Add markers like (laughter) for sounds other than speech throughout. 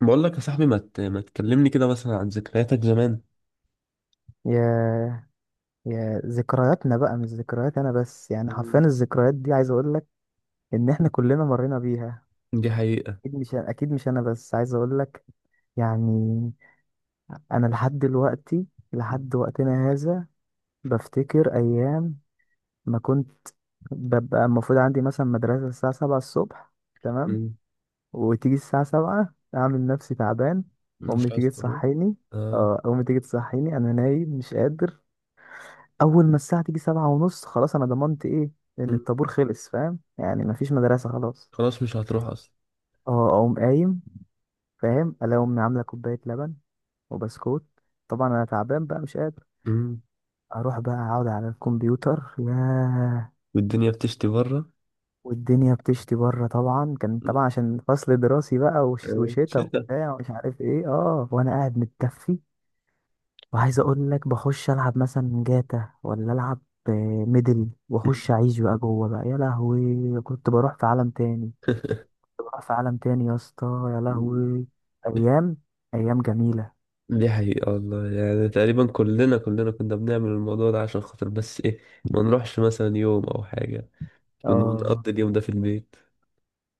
بقول لك يا صاحبي، ما تكلمني كده مثلا عن ذكرياتك زمان. يا يا ذكرياتنا بقى مش ذكريات انا بس، يعني حرفيا مم. الذكريات دي. عايز اقول لك ان احنا كلنا مرينا بيها. دي حقيقة. اكيد مش انا بس، عايز اقول لك، يعني. انا لحد دلوقتي، لحد مم. وقتنا هذا، بفتكر ايام ما كنت ببقى المفروض عندي مثلا مدرسة الساعة 7 الصبح، تمام. مم. وتيجي الساعة 7 أعمل نفسي تعبان. مش أمي تيجي عايز تروح. تصحيني، آه. اه أمي تيجي تصحيني أنا نايم مش قادر. اول ما الساعه تيجي 7:30، خلاص، انا ضمنت ايه؟ ان مم. الطابور خلص، فاهم؟ يعني مفيش مدرسه خلاص. خلاص مش هتروح أصلا. اه اقوم قايم، فاهم؟ الاقي امي عامله كوبايه لبن وبسكوت. طبعا انا تعبان بقى مش قادر. مم. اروح بقى اقعد على الكمبيوتر، ياه. والدنيا بتشتي بره. والدنيا بتشتي بره طبعا، كان مم. طبعا عشان فصل دراسي بقى آه. وشتا شتا. وبتاع ومش عارف ايه، اه، وانا قاعد متدفي. وعايز اقول لك، بخش العب مثلا جاتا ولا العب آه، ميدل، مم. واخش اعيش بقى جوه بقى، يا لهوي. كنت بروح في عالم تاني، كنت بروح في عالم تاني يا اسطى، يا مم. لهوي. ايام، ايام جميله. دي حقيقة والله. يعني تقريبا كلنا كنا بنعمل الموضوع ده عشان خاطر بس إيه، ما نروحش مثلا يوم أو حاجة، اه ونقضي اليوم ده في البيت.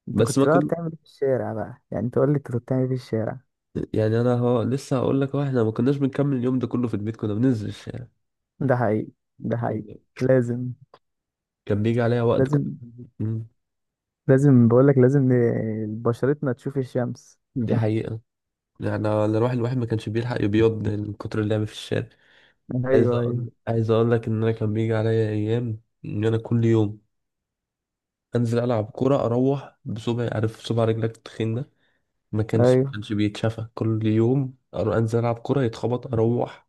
انت بس ما كنت بقى كنا، بتعمل ايه في الشارع بقى؟ يعني انت قول لي انت كنت بتعمل ايه في الشارع؟ يعني أنا هو لسه هقول لك، هو إحنا ما كناش بنكمل اليوم ده كله في البيت، كنا بننزل الشارع. ده حقيقي، ده حقيقي. لازم، كان بيجي عليا وقت. لازم، مم. لازم بقول لك، لازم بشرتنا تشوف الشمس. دي حقيقة. يعني أنا الواحد ما كانش بيلحق يبيض من كتر اللعب في الشارع. عايز ايوه ايوه، أقول عايز أقول لك إن أنا كان بيجي عليا أيام، إن أنا كل يوم أنزل ألعب كورة، أروح بصبعي، عارف صبع رجلك التخين ده؟ ما كانش ما ايوه كانش بيتشافى. كل يوم أنزل ألعب كورة، يتخبط، أروح.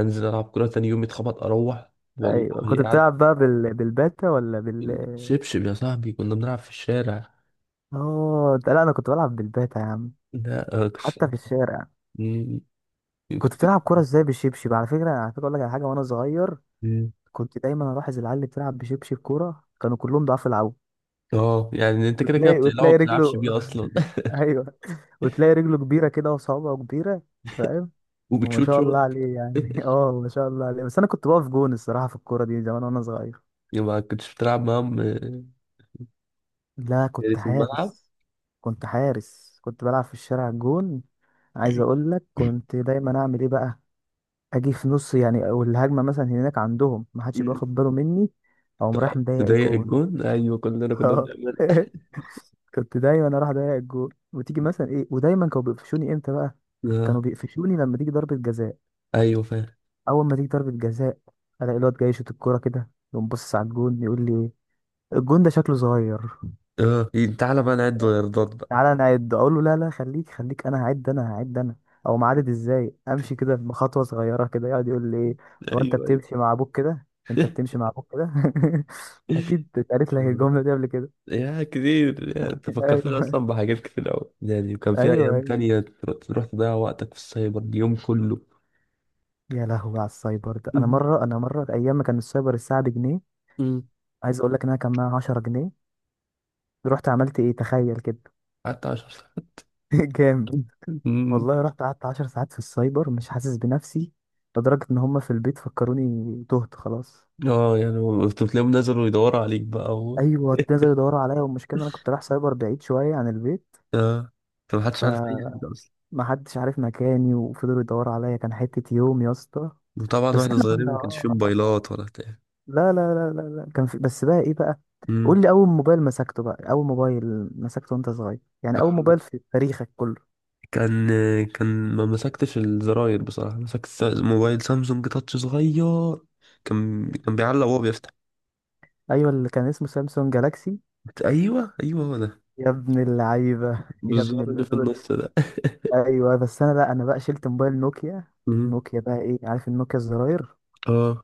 أنزل ألعب كورة، تاني يوم يتخبط، أروح. ايوه. كنت والله قاعد. بتلعب بقى بالباتا ولا بال؟ شبشب يا صاحبي، كنا بنلعب في الشارع. اه، ده لا، انا كنت بلعب بالباتا يا عم، لا آه، كنت. حتى في الشارع. مم. كنت بتلعب كوره ازاي بالشبشب؟ على فكره، على فكره، اقول لك على حاجه. وانا صغير كنت- كنت دايما الاحظ العيال اللي بتلعب بشبشب كوره كانوا كلهم ضعاف العوض. اه، يعني انت كده كده وتلاقي بتقلعه وما وتلاقي بتلعبش رجله، بيه اصلا. (laughs) (laughs) ايوه، وتلاقي رجله كبيره كده وصوابعه كبيره، فاهم؟ وما وبتشوط شاء الله شوت. عليه يعني، (laughs) (laughs) اه ما شاء الله عليه. بس انا كنت بقف جون الصراحه في الكوره دي زمان وانا صغير. يبقى ما كنتش بتلعب معاهم؟ آه، لا يعني كنت في الملعب. حارس، كنت حارس، كنت بلعب في الشارع جون. عايز اقول لك، كنت دايما اعمل ايه بقى؟ اجي في نص يعني او الهجمه مثلا هناك عندهم، ما حدش يبقى مم. واخد باله مني، اقوم رايح مضيق تضيق الجون. الجون، ايوه كلنا كنا اه بنعملها. (laughs) كنت دايما اروح اضيق الجون، وتيجي مثلا ايه، ودايما كانوا بيقفشوني امتى بقى؟ اه. كانوا بيقفشوني لما تيجي ضربه جزاء. ايوه فاهم. اول ما تيجي ضربه جزاء الاقي الواد جاي يشوط الكوره كده، يقوم باصص على الجون يقول لي إيه، الجون ده شكله صغير. اه، إيه، تعالى بقى نعد غيردات بقى. تعالى نعد، اقول له لا لا، خليك خليك، انا هعد، انا هعد انا. او معدد ازاي، امشي كده بخطوه صغيره كده، يقعد يقول لي ايه، هو انت ايوه، ايوه. بتمشي مع ابوك كده؟ انت بتمشي مع ابوك كده؟ (laughs) اكيد (laughs) اتقالت لك الله. الجمله دي قبل كده، يا كتير، يعني انت (laughs) فكرتني ايوه اصلا بحاجات كتير قوي. يعني وكان في ايوه ايام ايوه. تانية تروح تضيع وقتك في السايبر اليوم كله. يا لهوي على السايبر ده، (laughs) انا مم. مره، انا مره، ايام ما كان السايبر الساعه بجنيه. مم. عايز اقول لك ان انا كان معايا 10 جنيه، رحت عملت ايه، تخيل كده. حتى 10 ساعات. (laughs) جامد. (laughs) مم. والله رحت قعدت 10 ساعات في السايبر مش حاسس بنفسي، لدرجه ان هم في البيت فكروني تهت خلاص. اه، يعني كنت بتلاقيهم نزلوا يدوروا عليك بقى. ايوه ابتدوا يدوروا عليا، والمشكله إن انا كنت رايح سايبر بعيد شويه عن البيت، اه. فمحدش عارف اي حاجه اصلا. فمحدش عارف مكاني، وفضلوا يدوروا عليا، كان حته يوم يا اسطى. وطبعا بس واحنا احنا صغيرين كنا ما كانش فيه آه، موبايلات ولا بتاع. لا لا لا لا لا، كان في، بس بقى ايه بقى؟ امم قول لي اول موبايل مسكته بقى، اول موبايل مسكته وانت صغير، يعني اول موبايل في تاريخك كله. كان كان ما مسكتش الزراير بصراحه. مسكت موبايل سامسونج تاتش صغير. كان بيعلق وهو بيفتح. ايوه اللي كان اسمه سامسونج جالاكسي. ايوه، ايوه، هو ده. يا ابن اللعيبه، (laughs) يا ابن بالزر اللي في اللعيبه. النص ده. ايوه بس انا بقى، انا بقى شلت موبايل نوكيا. امم نوكيا بقى ايه؟ عارف النوكيا الزراير، اه.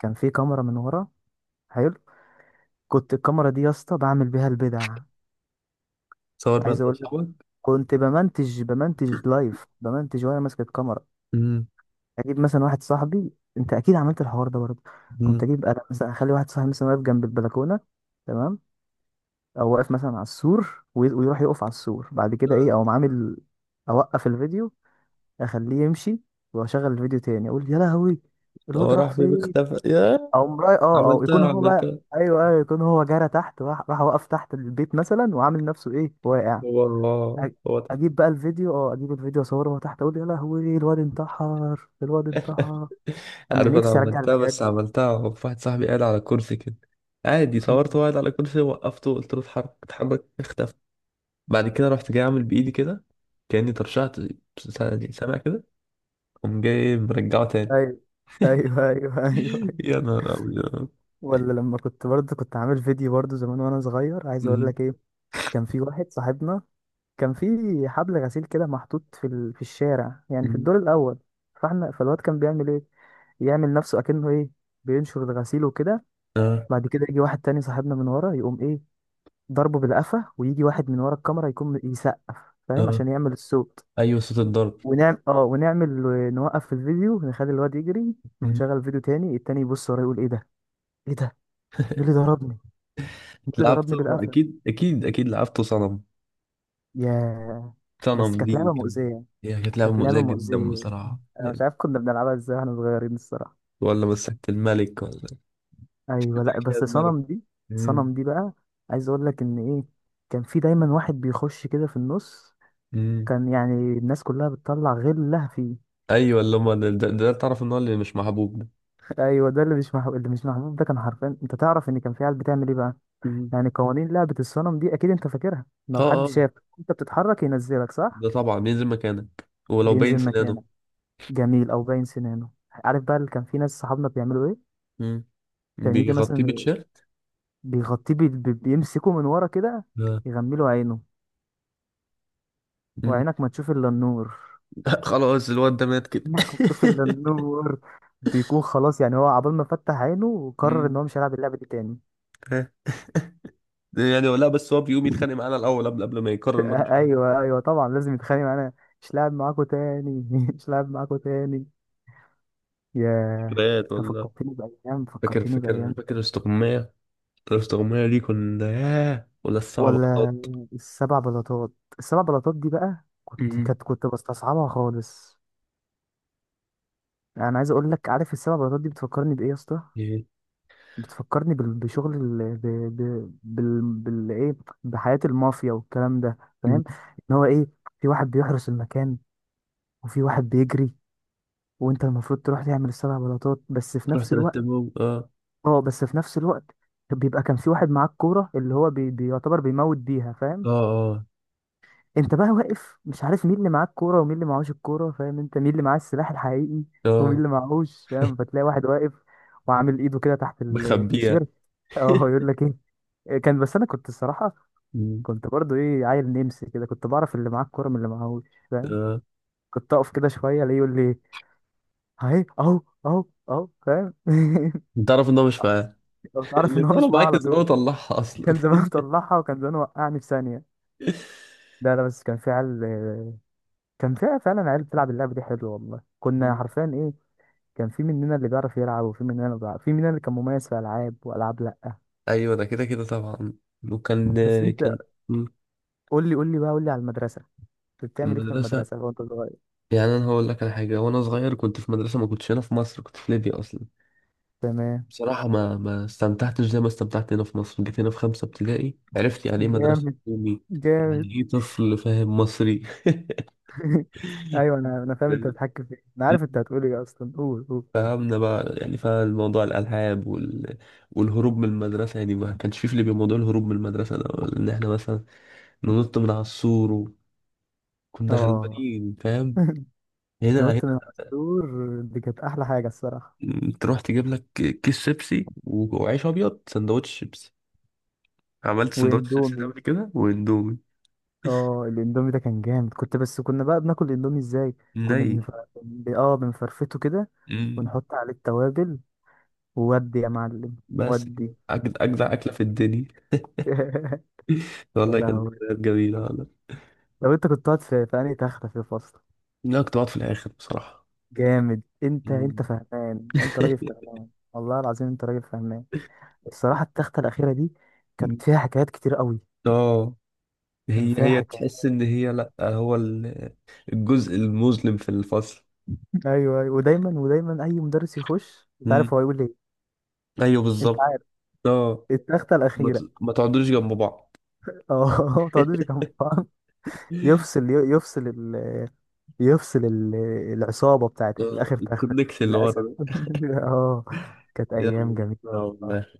كان فيه كاميرا من ورا، حلو. كنت الكاميرا دي يا اسطى بعمل بيها البدع. صور بقى عايز انت اقول لك، واصحابك. كنت بمنتج لايف، بمنتج وانا ماسك الكاميرا، امم اجيب مثلا واحد صاحبي. انت اكيد عملت الحوار ده برضه. كنت امم اجيب انا مثلا، اخلي واحد صاحبي مثلا واقف جنب البلكونه، تمام. او واقف مثلا على السور ويروح يقف على السور بعد كده اه. ايه او عامل. اوقف الفيديو، اخليه يمشي، واشغل الفيديو تاني، اقول يا لهوي هو الواد راح راح فين؟ فين. اختفى يا. او مراي، اه، او يكون عملتها، هو بقى، عملتها. ايوه ايوه، يكون هو جرى تحت، راح، راح وقف تحت البيت مثلا، وعامل نفسه ايه، واقع. هو هو أ- هو ده. اجيب بقى الفيديو، اه اجيب الفيديو اصوره من تحت، اقول يا لهوي الواد انتحر، الواد انتحر. انا عارف انا نفسي ارجع عملتها، الفيديوهات بس دي. عملتها وفي واحد صاحبي قاعد على كرسي كده. عادي، (laughs) م. صورته قاعد على كرسي، وقفته، قلت له اتحرك اتحرك، اختفى. بعد كده رحت جاي عامل بايدي كده. كاني ترشحت. يعني سامع كده. قوم جاي مرجعه تاني. ايوه ايوه ايوه، ايوه (laughs) أيوة. يا نهار ابيض. ولا لما كنت برضه كنت عامل فيديو برضه زمان وانا صغير، عايز اقول مم. لك ايه. كان في واحد صاحبنا، كان في حبل غسيل كده محطوط في الشارع، يعني في مم. الدور الاول. فاحنا، فالواد كان بيعمل ايه، يعمل نفسه اكنه ايه، بينشر الغسيل وكده. اه، بعد كده يجي واحد تاني صاحبنا من ورا، يقوم ايه، ضربه بالقفا، ويجي واحد من ورا الكاميرا يكون يسقف، فاهم؟ اه، عشان يعمل الصوت. ايوه صوت الضرب. ونعمل اه ونعمل، نوقف الفيديو، نخلي الواد يجري، مم. ونشغل الفيديو تاني، التاني يبص ورا يقول ايه ده، ايه ده، مين اللي ضربني، مين اللي ضربني لعبته، بالقفا. اكيد، اكيد، اكيد لعبته صنم. يا، صنم بس كانت دي لعبة كان. مؤذية، هي كانت لعبه كانت مؤذيه لعبة جدا مؤذية. بصراحه انا مش يعني. عارف كنا بنلعبها ازاي واحنا صغيرين الصراحة. ولا مسكت الملك ولا. (laughs) ايوه لا، مسكت بس الملك. صنم دي، مم. صنم دي بقى، عايز اقول لك ان ايه، كان في دايما واحد بيخش كده في النص، مم. كان يعني الناس كلها بتطلع غلها فيه. ايوه، اللي هم ده تعرف ان هو اللي مش محبوب ده. ايوه ده اللي مش محبوب، اللي مش محبوب ده كان حرفيا، انت تعرف ان كان في عيال بتعمل ايه بقى. مم. يعني قوانين لعبه الصنم دي اكيد انت فاكرها، لو اه، حد اه، شاف انت بتتحرك ينزلك، صح ده طبعا ينزل مكانك ولو باين بينزل سنانه. مكانك، جميل، او باين سنانه. عارف بقى اللي كان في ناس صحابنا بيعملوا ايه؟ مم. كان يجي بيغطيه مثلا، بتيشيرت. بيمسكه من ورا كده، آه. يغمله عينه، مم. وعينك ما تشوف الا النور، (laughs) خلاص الواد ده مات كده. عينك ما تشوف الا (laughs) النور، بيكون خلاص، يعني هو عبال ما فتح عينه وقرر ان مم. هو مش هيلعب اللعبه دي تاني. ها. يعني لا، بس هو بيقوم يتخانق معانا الاول قبل ما يقرر انه مش ايوه هيعمل. ايوه طبعا لازم يتخانق معانا. مش لاعب معاكو تاني، (laughs) مش لاعب معاكو تاني. ياه. ذكريات انت ولا؟ فكرتني بايام، فاكر فكرتني فاكر بايام فاكر جميلة والله. استغماية. الاستغماية دي كنا ياه، ولا الصعب ولا قط؟ السبع بلاطات، السبع بلاطات دي بقى، مم. كنت بستصعبها خالص. انا عايز اقول لك، عارف السبع بلاطات دي بتفكرني بايه يا اسطى؟ إيه. بتفكرني بال- بشغل ال... ب... ب... بال... بال... ايه بحياة المافيا والكلام ده، مم. فاهم؟ ان هو ايه، في واحد بيحرس المكان، وفي واحد بيجري، وانت المفروض تروح تعمل السبع بلاطات بس في رحت نفس الوقت. رتبهم، اه. اه بس في نفس الوقت، بيبقى كان في واحد معاك كورة، اللي هو بيعتبر بيموت بيها، اه، فاهم؟ اه، انت بقى واقف مش عارف مين اللي معاه الكورة ومين اللي معهوش الكورة، فاهم؟ انت مين اللي معاه السلاح الحقيقي ومين اه، اللي معهوش، فاهم؟ فتلاقي واحد واقف، وعامل ايده كده تحت بخبيها. التيشيرت. اه (laughs) يقول لك ايه كان. بس انا كنت الصراحة، كنت برضو ايه، عيل نمسي كده، كنت بعرف اللي معاه الكورة من اللي معهوش، فاهم؟ آه. كنت اقف كده شوية الاقيه يقول لي، اهي اهو، اهو، اهو، فاهم؟ (laughs) انت تعرف ان هو مش معاك. لو (laughs) تعرف ان هو لان هو لو مش معاه معاك على زمان طول. وطلعها اصلا. كان زمان طلعها، وكان زمان وقعني في ثانيه. (laughs) لا لا، بس كان في عيال، كان في فعلا عيال بتلعب اللعبه دي، حلوه والله، كنا مم. حرفيا ايه، كان في مننا اللي بيعرف يلعب، وفي مننا اللي بيعرف، في مننا اللي كان مميز في العاب والعاب لا. ايوه ده كده كده طبعا. وكان. بس انت، كان. مم. قول لي، قول لي بقى، قول لي على المدرسه، كنت بتعمل ايه في المدرسه. المدرسه وانت صغير؟ يعني انا هقول لك على حاجه. وانا صغير كنت في مدرسه، ما كنتش هنا في مصر، كنت في ليبيا اصلا. تمام، بصراحه ما استمتعتش زي ما استمتعت هنا في مصر. جيت هنا في خمسه ابتدائي، عرفت يعني ايه مدرسه جامد، حكومي. جامد. يعني ايه طفل فاهم مصري. (laughs) ايوه، انا فاهم انت بتحكي في ايه، انا عارف (laughs) (laughs) انت هتقول ايه اصلا، قول قول. فهمنا بقى، يعني فالموضوع الألعاب وال... والهروب من المدرسة. يعني ما كانش في ليبيا موضوع الهروب من المدرسة ده، ولا إن إحنا مثلا ننط من على السور. وكنا اه غلبانين، فاهم. (laughs) هنا، تنط من هنا على السور دي كانت احلى حاجه الصراحه. تروح تجيب لك كيس شيبسي وعيش أبيض، سندوتش شيبسي. عملت سندوتش شيبسي ده واندومي، قبل كده، وإندومي. اه الاندومي ده كان جامد. كنت بس كنا بقى بناكل الاندومي ازاي؟ كنا ني بنف... ب- اه بنفرفته كده، مم. ونحط عليه التوابل، وودي يا معلم. بس ودي. كده أجدع أكلة في الدنيا. (laughs) يا والله كانت لهوي، ذكريات جميلة والله. لو انت كنت قاعد في انهي تخته في الفصل؟ لا، كنت بقعد في الآخر بصراحة. جامد، انت انت مم. فهمان، انت راجل (laughs) فهمان، والله العظيم انت راجل فهمان. الصراحه التخته الاخيره دي كانت فيها حكايات كتير قوي، اه، كان هي فيها هي حكايات. تحس ان هي، لا هو الجزء المظلم في الفصل. (laughs) ايوه ايوه، ودايما ودايما اي مدرس يخش انت عارف امم هو هيقول ايه؟ ايوه انت بالظبط. عارف؟ اه، التخته الاخيره، ما تقعدوش جنب بعض. اه. (laughs) ما تقعدوش جنب بعض. (laughs) يفصل يفصل ال... يفصل العصابة بتاعت آه، الآخر، تختك الكونكت اللي ورا للأسف. ده. (laughs) اه كانت يا أيام جميلة الله. والله.